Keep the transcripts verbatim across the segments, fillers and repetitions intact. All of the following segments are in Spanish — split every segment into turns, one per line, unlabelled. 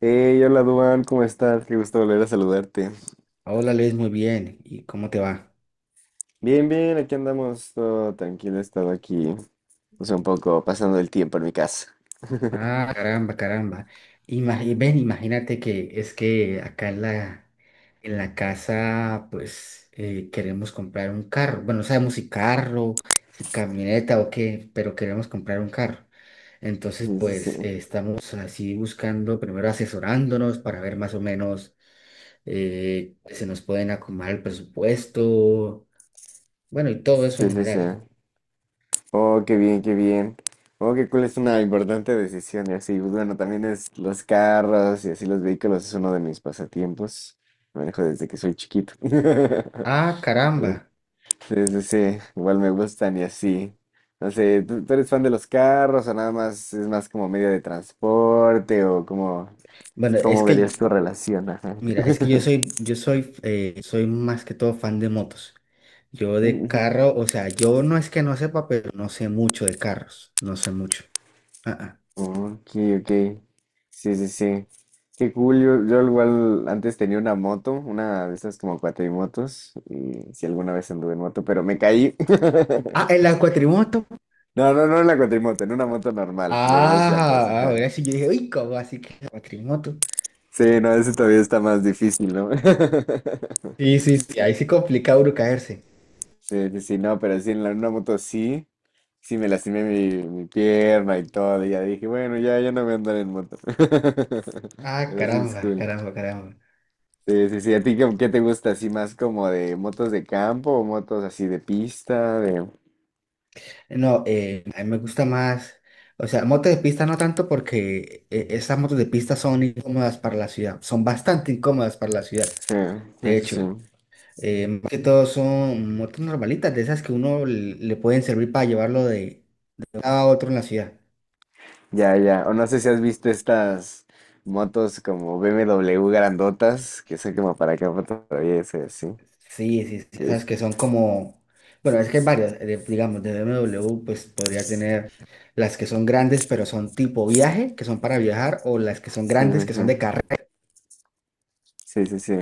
Hey, hola Duan, ¿cómo estás? Qué gusto volver a saludarte.
Hola, Luis, muy bien. ¿Y cómo te va?
Bien, bien, aquí andamos, todo tranquilo, he estado aquí, pues un poco pasando el tiempo en mi casa.
Ah, caramba, caramba. Ima- y ven, imagínate que es que acá en la, en la casa, pues eh, queremos comprar un carro. Bueno, no sabemos si carro, si camioneta o qué, pero queremos comprar un carro. Entonces,
Sí, sí, sí,
pues eh, estamos así buscando, primero asesorándonos para ver más o menos eh, se nos pueden acomodar el presupuesto, bueno, y todo eso en
sí, sí, sí.
general.
Oh, qué bien, qué bien. Oh, qué cool, es una importante decisión y así, pues, bueno, también es los carros y así los vehículos es uno de mis pasatiempos. Manejo desde que soy chiquito.
Ah,
Pero
caramba.
sí, sí, sí, igual me gustan y así. No sé, ¿tú, tú eres fan de los carros o nada más es más como medio de transporte o cómo,
Bueno, es
cómo verías
que
tu relación? Ajá.
mira, es que yo soy, yo soy, eh, soy más que todo fan de motos. Yo de
Ujú.
carro, o sea, yo no es que no sepa, pero no sé mucho de carros, no sé mucho. Ah, ah.
Ok, ok. Sí, sí, sí. Qué cool. Yo, yo igual antes tenía una moto, una de esas como cuatrimotos. Y si alguna vez anduve en moto, pero me caí.
Ah, en la cuatrimoto.
No, no, no en la cuatrimoto, en una moto normal, de dos llantas,
Ah,
ajá.
ahora sí, yo dije, uy, ¿cómo así que la cuatrimoto?
Sí, no, eso todavía está más difícil, ¿no?
Sí, sí, sí, ahí sí complica uno caerse.
Sí, sí, sí, no, pero sí, en la, una moto sí, sí me lastimé mi, mi pierna y todo, y ya dije, bueno, ya, ya no voy a andar en moto.
Ah,
Pero sí, es
caramba,
cool.
caramba, caramba.
Sí, sí, sí, ¿a ti qué, qué te gusta? ¿Así más como de motos de campo o motos así de pista? De...
No, eh, a mí me gusta más, o sea, motos de pista no tanto porque eh, esas motos de pista son incómodas para la ciudad, son bastante incómodas para la ciudad,
Sí,
de
sí, sí, sí.
hecho. Eh, más que todo son motos normalitas, de esas que uno le, le pueden servir para llevarlo de un lado a otro en la ciudad.
Ya, ya, o no sé si has visto estas motos como B M W grandotas, que son como para campo todavía, sí, sí.
Sí, sí, sí, esas
Sí,
que son como, bueno, es que hay varias, eh, digamos, de B M W, pues podría tener las que son grandes, pero son tipo viaje, que son para viajar, o las que son
sí,
grandes, que son de
sí,
carrera.
sí, sí, sí,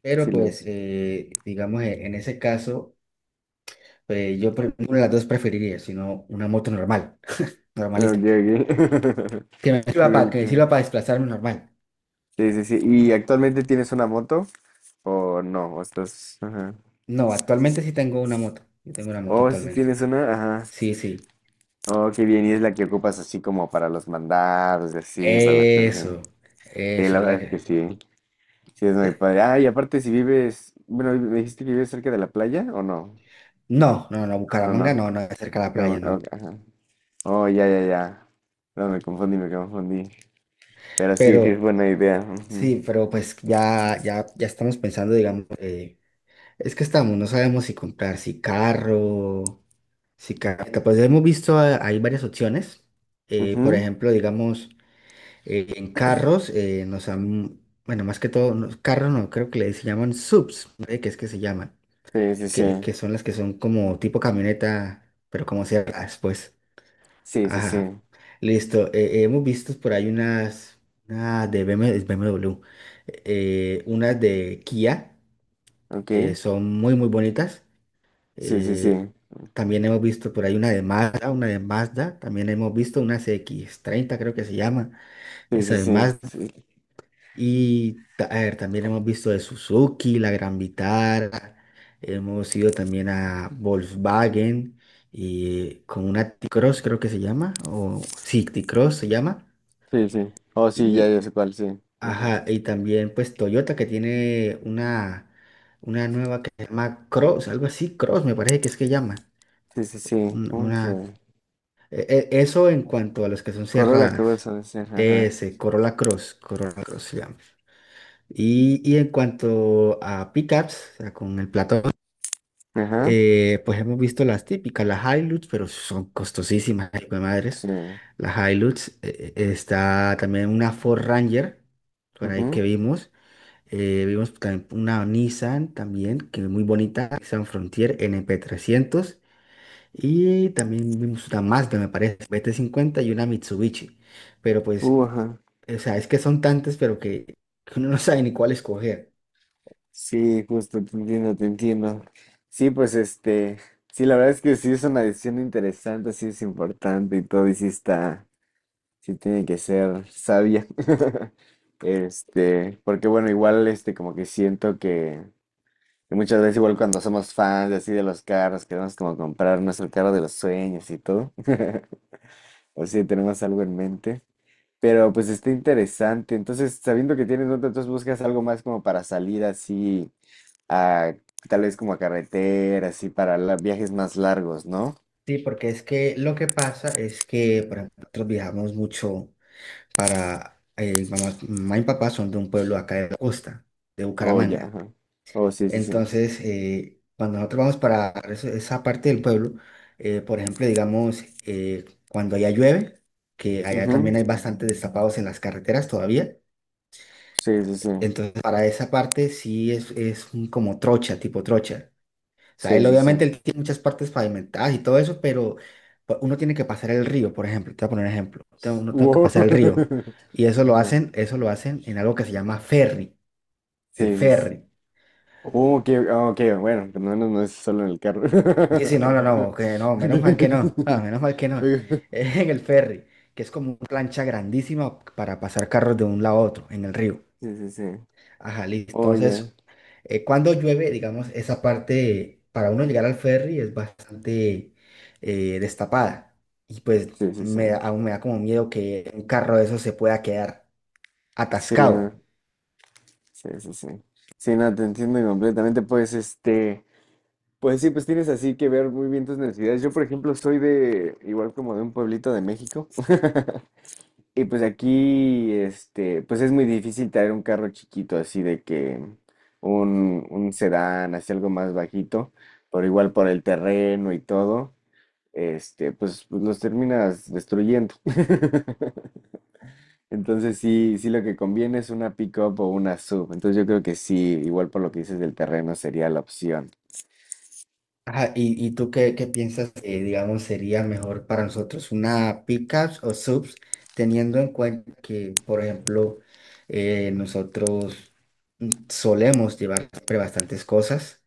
Pero
sí,
pues,
los...
eh, digamos, eh, en ese caso, pues, yo pre- ninguna de las dos preferiría, sino una moto normal,
Ok,
normalita,
ok.
que me sirva para,
Cool,
que me
cool.
sirva para desplazarme normal.
Sí, sí, sí. ¿Y actualmente tienes una moto? ¿O no? ¿O estás...? Ajá.
No, actualmente sí tengo una moto. Yo tengo una moto
Oh, sí
actualmente.
tienes una. Ajá.
Sí, sí.
Oh, qué bien. Y es la que ocupas así como para los mandados, y así, para las cosas así.
Eso.
Sí,
Eso
la
es
verdad
la
es que
que.
sí. Sí, es muy
eh,
padre. Ah, y aparte si vives... Bueno, ¿me dijiste que vives cerca de la playa o no?
No, no, no,
No, no,
Bucaramanga no, no,
no.
es cerca de la
Carmen,
playa,
ok,
no.
ajá. Oh, ya, ya, ya. No, me confundí, me confundí. Pero sí, sí es
Pero
buena idea. Ujú.
sí, pero pues ya, ya, ya estamos pensando, digamos, eh, es que estamos, no sabemos si comprar, si carro, si carro. Pues hemos visto, eh, hay varias opciones. Eh, por
Ujú.
ejemplo, digamos, eh, en carros eh, nos han, bueno, más que todo, no, carros no, creo que le se llaman subs, ¿no? ¿Qué es que se llaman?
Sí, sí, sí.
Que, que son las que son como tipo camioneta, pero como ciertas, pues.
Sí, sí, sí.
Ajá. Listo. Eh, hemos visto por ahí unas, Una de B M W, es B M W, eh, unas de Kia, que
Ok.
son muy, muy bonitas.
Sí, sí,
Eh,
sí.
también hemos visto por ahí una de Mazda, una de Mazda. También hemos visto una c x treinta creo que se llama.
Sí,
Esa
sí,
de
sí.
Mazda.
Sí,
Y ta- a ver, también hemos visto de Suzuki, la Gran Vitara, hemos ido también a Volkswagen y con una T-Cross creo que se llama, o sí, T-Cross se llama.
sí, sí. Oh, sí, ya,
Y,
ya sé cuál, sí. Ajá.
ajá, y también pues Toyota que tiene una, una nueva que se llama Cross, algo así, Cross me parece que es que llama.
Sí, sí, sí.
Un-
¿Cómo es
Una,
la-
e- e- Eso en cuanto a las que son
Corro la
cerradas.
cruz, ha de ser. Ajá.
Ese, Corolla Cross, Corolla Cross se llama. Y, y en cuanto a pickups, o sea, con el platón,
Ajá.
eh, pues hemos visto las típicas, las Hilux, pero son costosísimas, hijo de madres.
Sí.
Las Hilux, eh, eh, está también una Ford Ranger, por ahí que
Ujú.
vimos. Eh, vimos también una Nissan también, que es muy bonita, Nissan Frontier n p trescientos. Y también vimos una Mazda, me parece, b t cincuenta y una Mitsubishi. Pero pues,
Uh, ajá.
o sea, es que son tantas, pero que que uno no sabe ni cuál escoger.
Sí, justo, te entiendo, te entiendo. Sí, pues este. Sí, la verdad es que sí es una decisión interesante, sí es importante y todo, y sí está. Sí tiene que ser sabia. Este, porque bueno, igual este, como que siento que. Y muchas veces igual cuando somos fans de así de los carros, queremos como comprar nuestro carro de los sueños y todo. O si tenemos algo en mente. Pero pues está interesante. Entonces, sabiendo que tienes otro, entonces buscas algo más como para salir así a tal vez como a carretera, así para la- viajes más largos, ¿no?
Sí, porque es que lo que pasa es que, por ejemplo, nosotros viajamos mucho para, eh, mamá, mamá y papá son de un pueblo acá de la costa, de
Oh, ya,
Bucaramanga.
ajá. Oh, sí, sí, sí.
Entonces, eh, cuando nosotros vamos para eso- esa parte del pueblo, eh, por ejemplo, digamos, eh, cuando allá llueve, que allá
Ujú.
también hay bastantes destapados en las carreteras todavía,
Sí, sí, sí.
entonces para esa parte sí es, es un como trocha, tipo trocha. O sea,
Sí,
él
sí, sí.
obviamente él tiene muchas partes pavimentadas y todo eso, pero pa- uno tiene que pasar el río, por ejemplo. Te voy a poner un ejemplo. Tengo- uno tengo que
Wow.
pasar el río. Y eso lo
Ajá.
hacen, eso lo hacen en algo que se llama ferry, el
Sí, sí, sí.
ferry.
Oh, ok, ah, ok, bueno, no, menos no es solo en el carro.
Y sí, no, no, no, que no, menos mal que no, ah, menos mal que no.
Ok.
En el ferry, que es como una plancha grandísima para pasar carros de un lado a otro en el río.
Sí, sí, sí.
Ajá, listo.
Oh, ya.
Entonces, eh, cuando llueve, digamos, esa parte para uno llegar al ferry es bastante eh, destapada. Y pues
Sí, sí, sí.
me, da- aún me da como miedo que un carro de esos se pueda quedar
Sí, no.
atascado.
Sí, sí, sí. Sí, no, te entiendo completamente. Pues, este, pues sí, pues tienes así que ver muy bien tus necesidades. Yo, por ejemplo, soy de, igual como de un pueblito de México. Y pues aquí, este, pues es muy difícil traer un carro chiquito, así de que un, un sedán, así algo más bajito, pero igual por el terreno y todo, este, pues, pues los terminas destruyendo. Entonces sí, sí lo que conviene es una pick-up o una sub. Entonces yo creo que sí, igual por lo que dices del terreno sería la opción.
Ajá, ¿y, y tú qué, qué piensas que, digamos, sería mejor para nosotros, una pickups o subs, teniendo en cuenta que, por ejemplo, eh, nosotros mm, solemos llevar siempre bastantes cosas?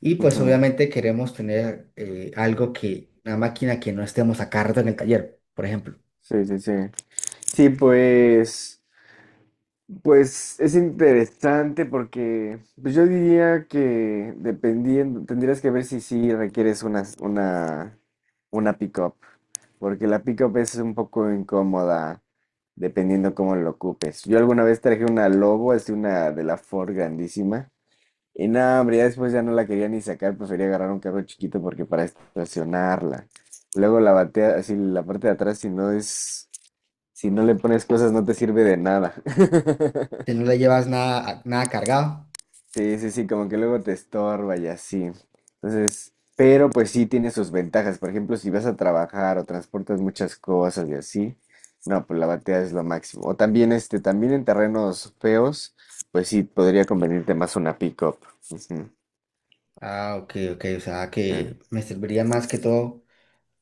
Y pues
Ujú.
obviamente queremos tener eh, algo que, una máquina que no estemos a cargo en el taller, por ejemplo.
Sí, sí, sí. Sí, pues. Pues es interesante porque pues, yo diría que dependiendo, tendrías que ver si sí requieres una, una, una pick-up, porque la pick-up es un poco incómoda dependiendo cómo lo ocupes. Yo alguna vez traje una Lobo, es una de la Ford grandísima, y nada, hombre, ya después ya no la quería ni sacar, prefería agarrar un carro chiquito porque para estacionarla. Luego la batea, así la parte de atrás, si no es, si no le pones cosas, no te sirve de nada.
Si no le llevas nada, nada cargado,
Sí, sí, sí, como que luego te estorba y así. Entonces, pero pues sí tiene sus ventajas. Por ejemplo, si vas a trabajar o transportas muchas cosas y así, no, pues la batea es lo máximo. O también este, también en terrenos feos, pues sí podría convenirte más una pick-up. Ujú.
ah, ok, ok, o sea
Eh,
que me serviría más que todo,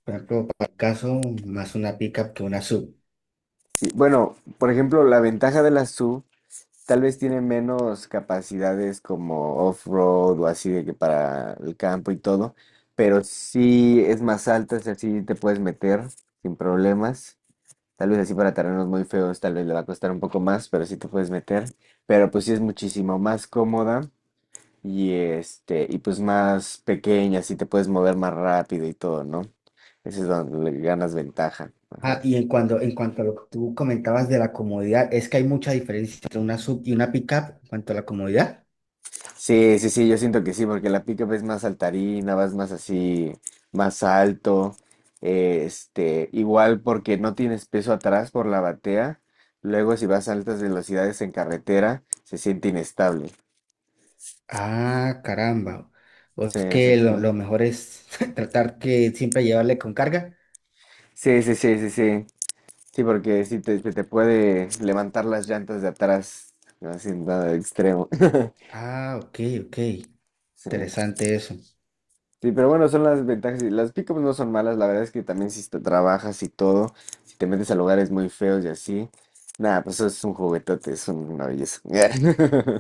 por ejemplo, para el caso, más una pickup que una sub.
Sí, bueno, por ejemplo, la ventaja de la S U V tal vez tiene menos capacidades como off-road o así de que para el campo y todo, pero sí es más alta, es sí te puedes meter sin problemas. Tal vez así para terrenos muy feos, tal vez le va a costar un poco más, pero sí te puedes meter. Pero pues sí es muchísimo más cómoda y este, y pues más pequeña, así te puedes mover más rápido y todo, ¿no? Ese es donde le ganas ventaja.
Ah,
Ajá.
y en cuanto, en cuanto a lo que tú comentabas de la comodidad, es que hay mucha diferencia entre una sub y una pickup en cuanto a la comodidad.
Sí, sí, sí, yo siento que sí, porque la pick es más saltarina, vas más así, más alto, eh, este, igual porque no tienes peso atrás por la batea, luego si vas a altas velocidades en carretera, se siente inestable.
Ah, caramba. O es
Sí, sí,
que
sí.
lo, lo mejor es tratar que siempre llevarle con carga.
Sí, sí, sí, sí, sí. Sí, porque sí te, te te puede levantar las llantas de atrás, haciendo extremo.
Ah, ok, ok.
Sí.
Interesante eso.
Sí, pero bueno, son las ventajas. Y las pickups no son malas, la verdad es que también si te trabajas y todo, si te metes a lugares muy feos y así, nada, pues eso es un juguetote, es un- una belleza.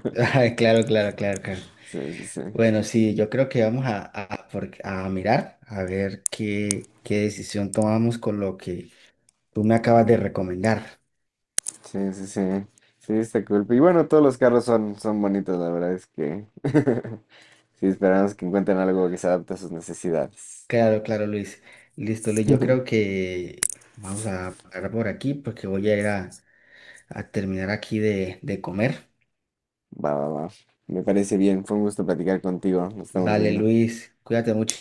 Ay, claro, claro, claro, claro.
Sí, sí, sí,
Bueno, sí, yo creo que vamos a, a, por- a mirar a ver qué, qué decisión tomamos con lo que tú me acabas de recomendar.
sí, sí, sí, sí, está cool. Y bueno, todos los carros son, son bonitos, la verdad es que sí, esperamos que encuentren algo que se adapte a sus necesidades.
Claro, claro, Luis. Listo, Luis. Yo creo que vamos a parar por aquí porque voy a ir a, a terminar aquí de, de comer.
Va, va, va. Me parece bien, fue un gusto platicar contigo, nos estamos
Vale,
viendo.
Luis, cuídate mucho.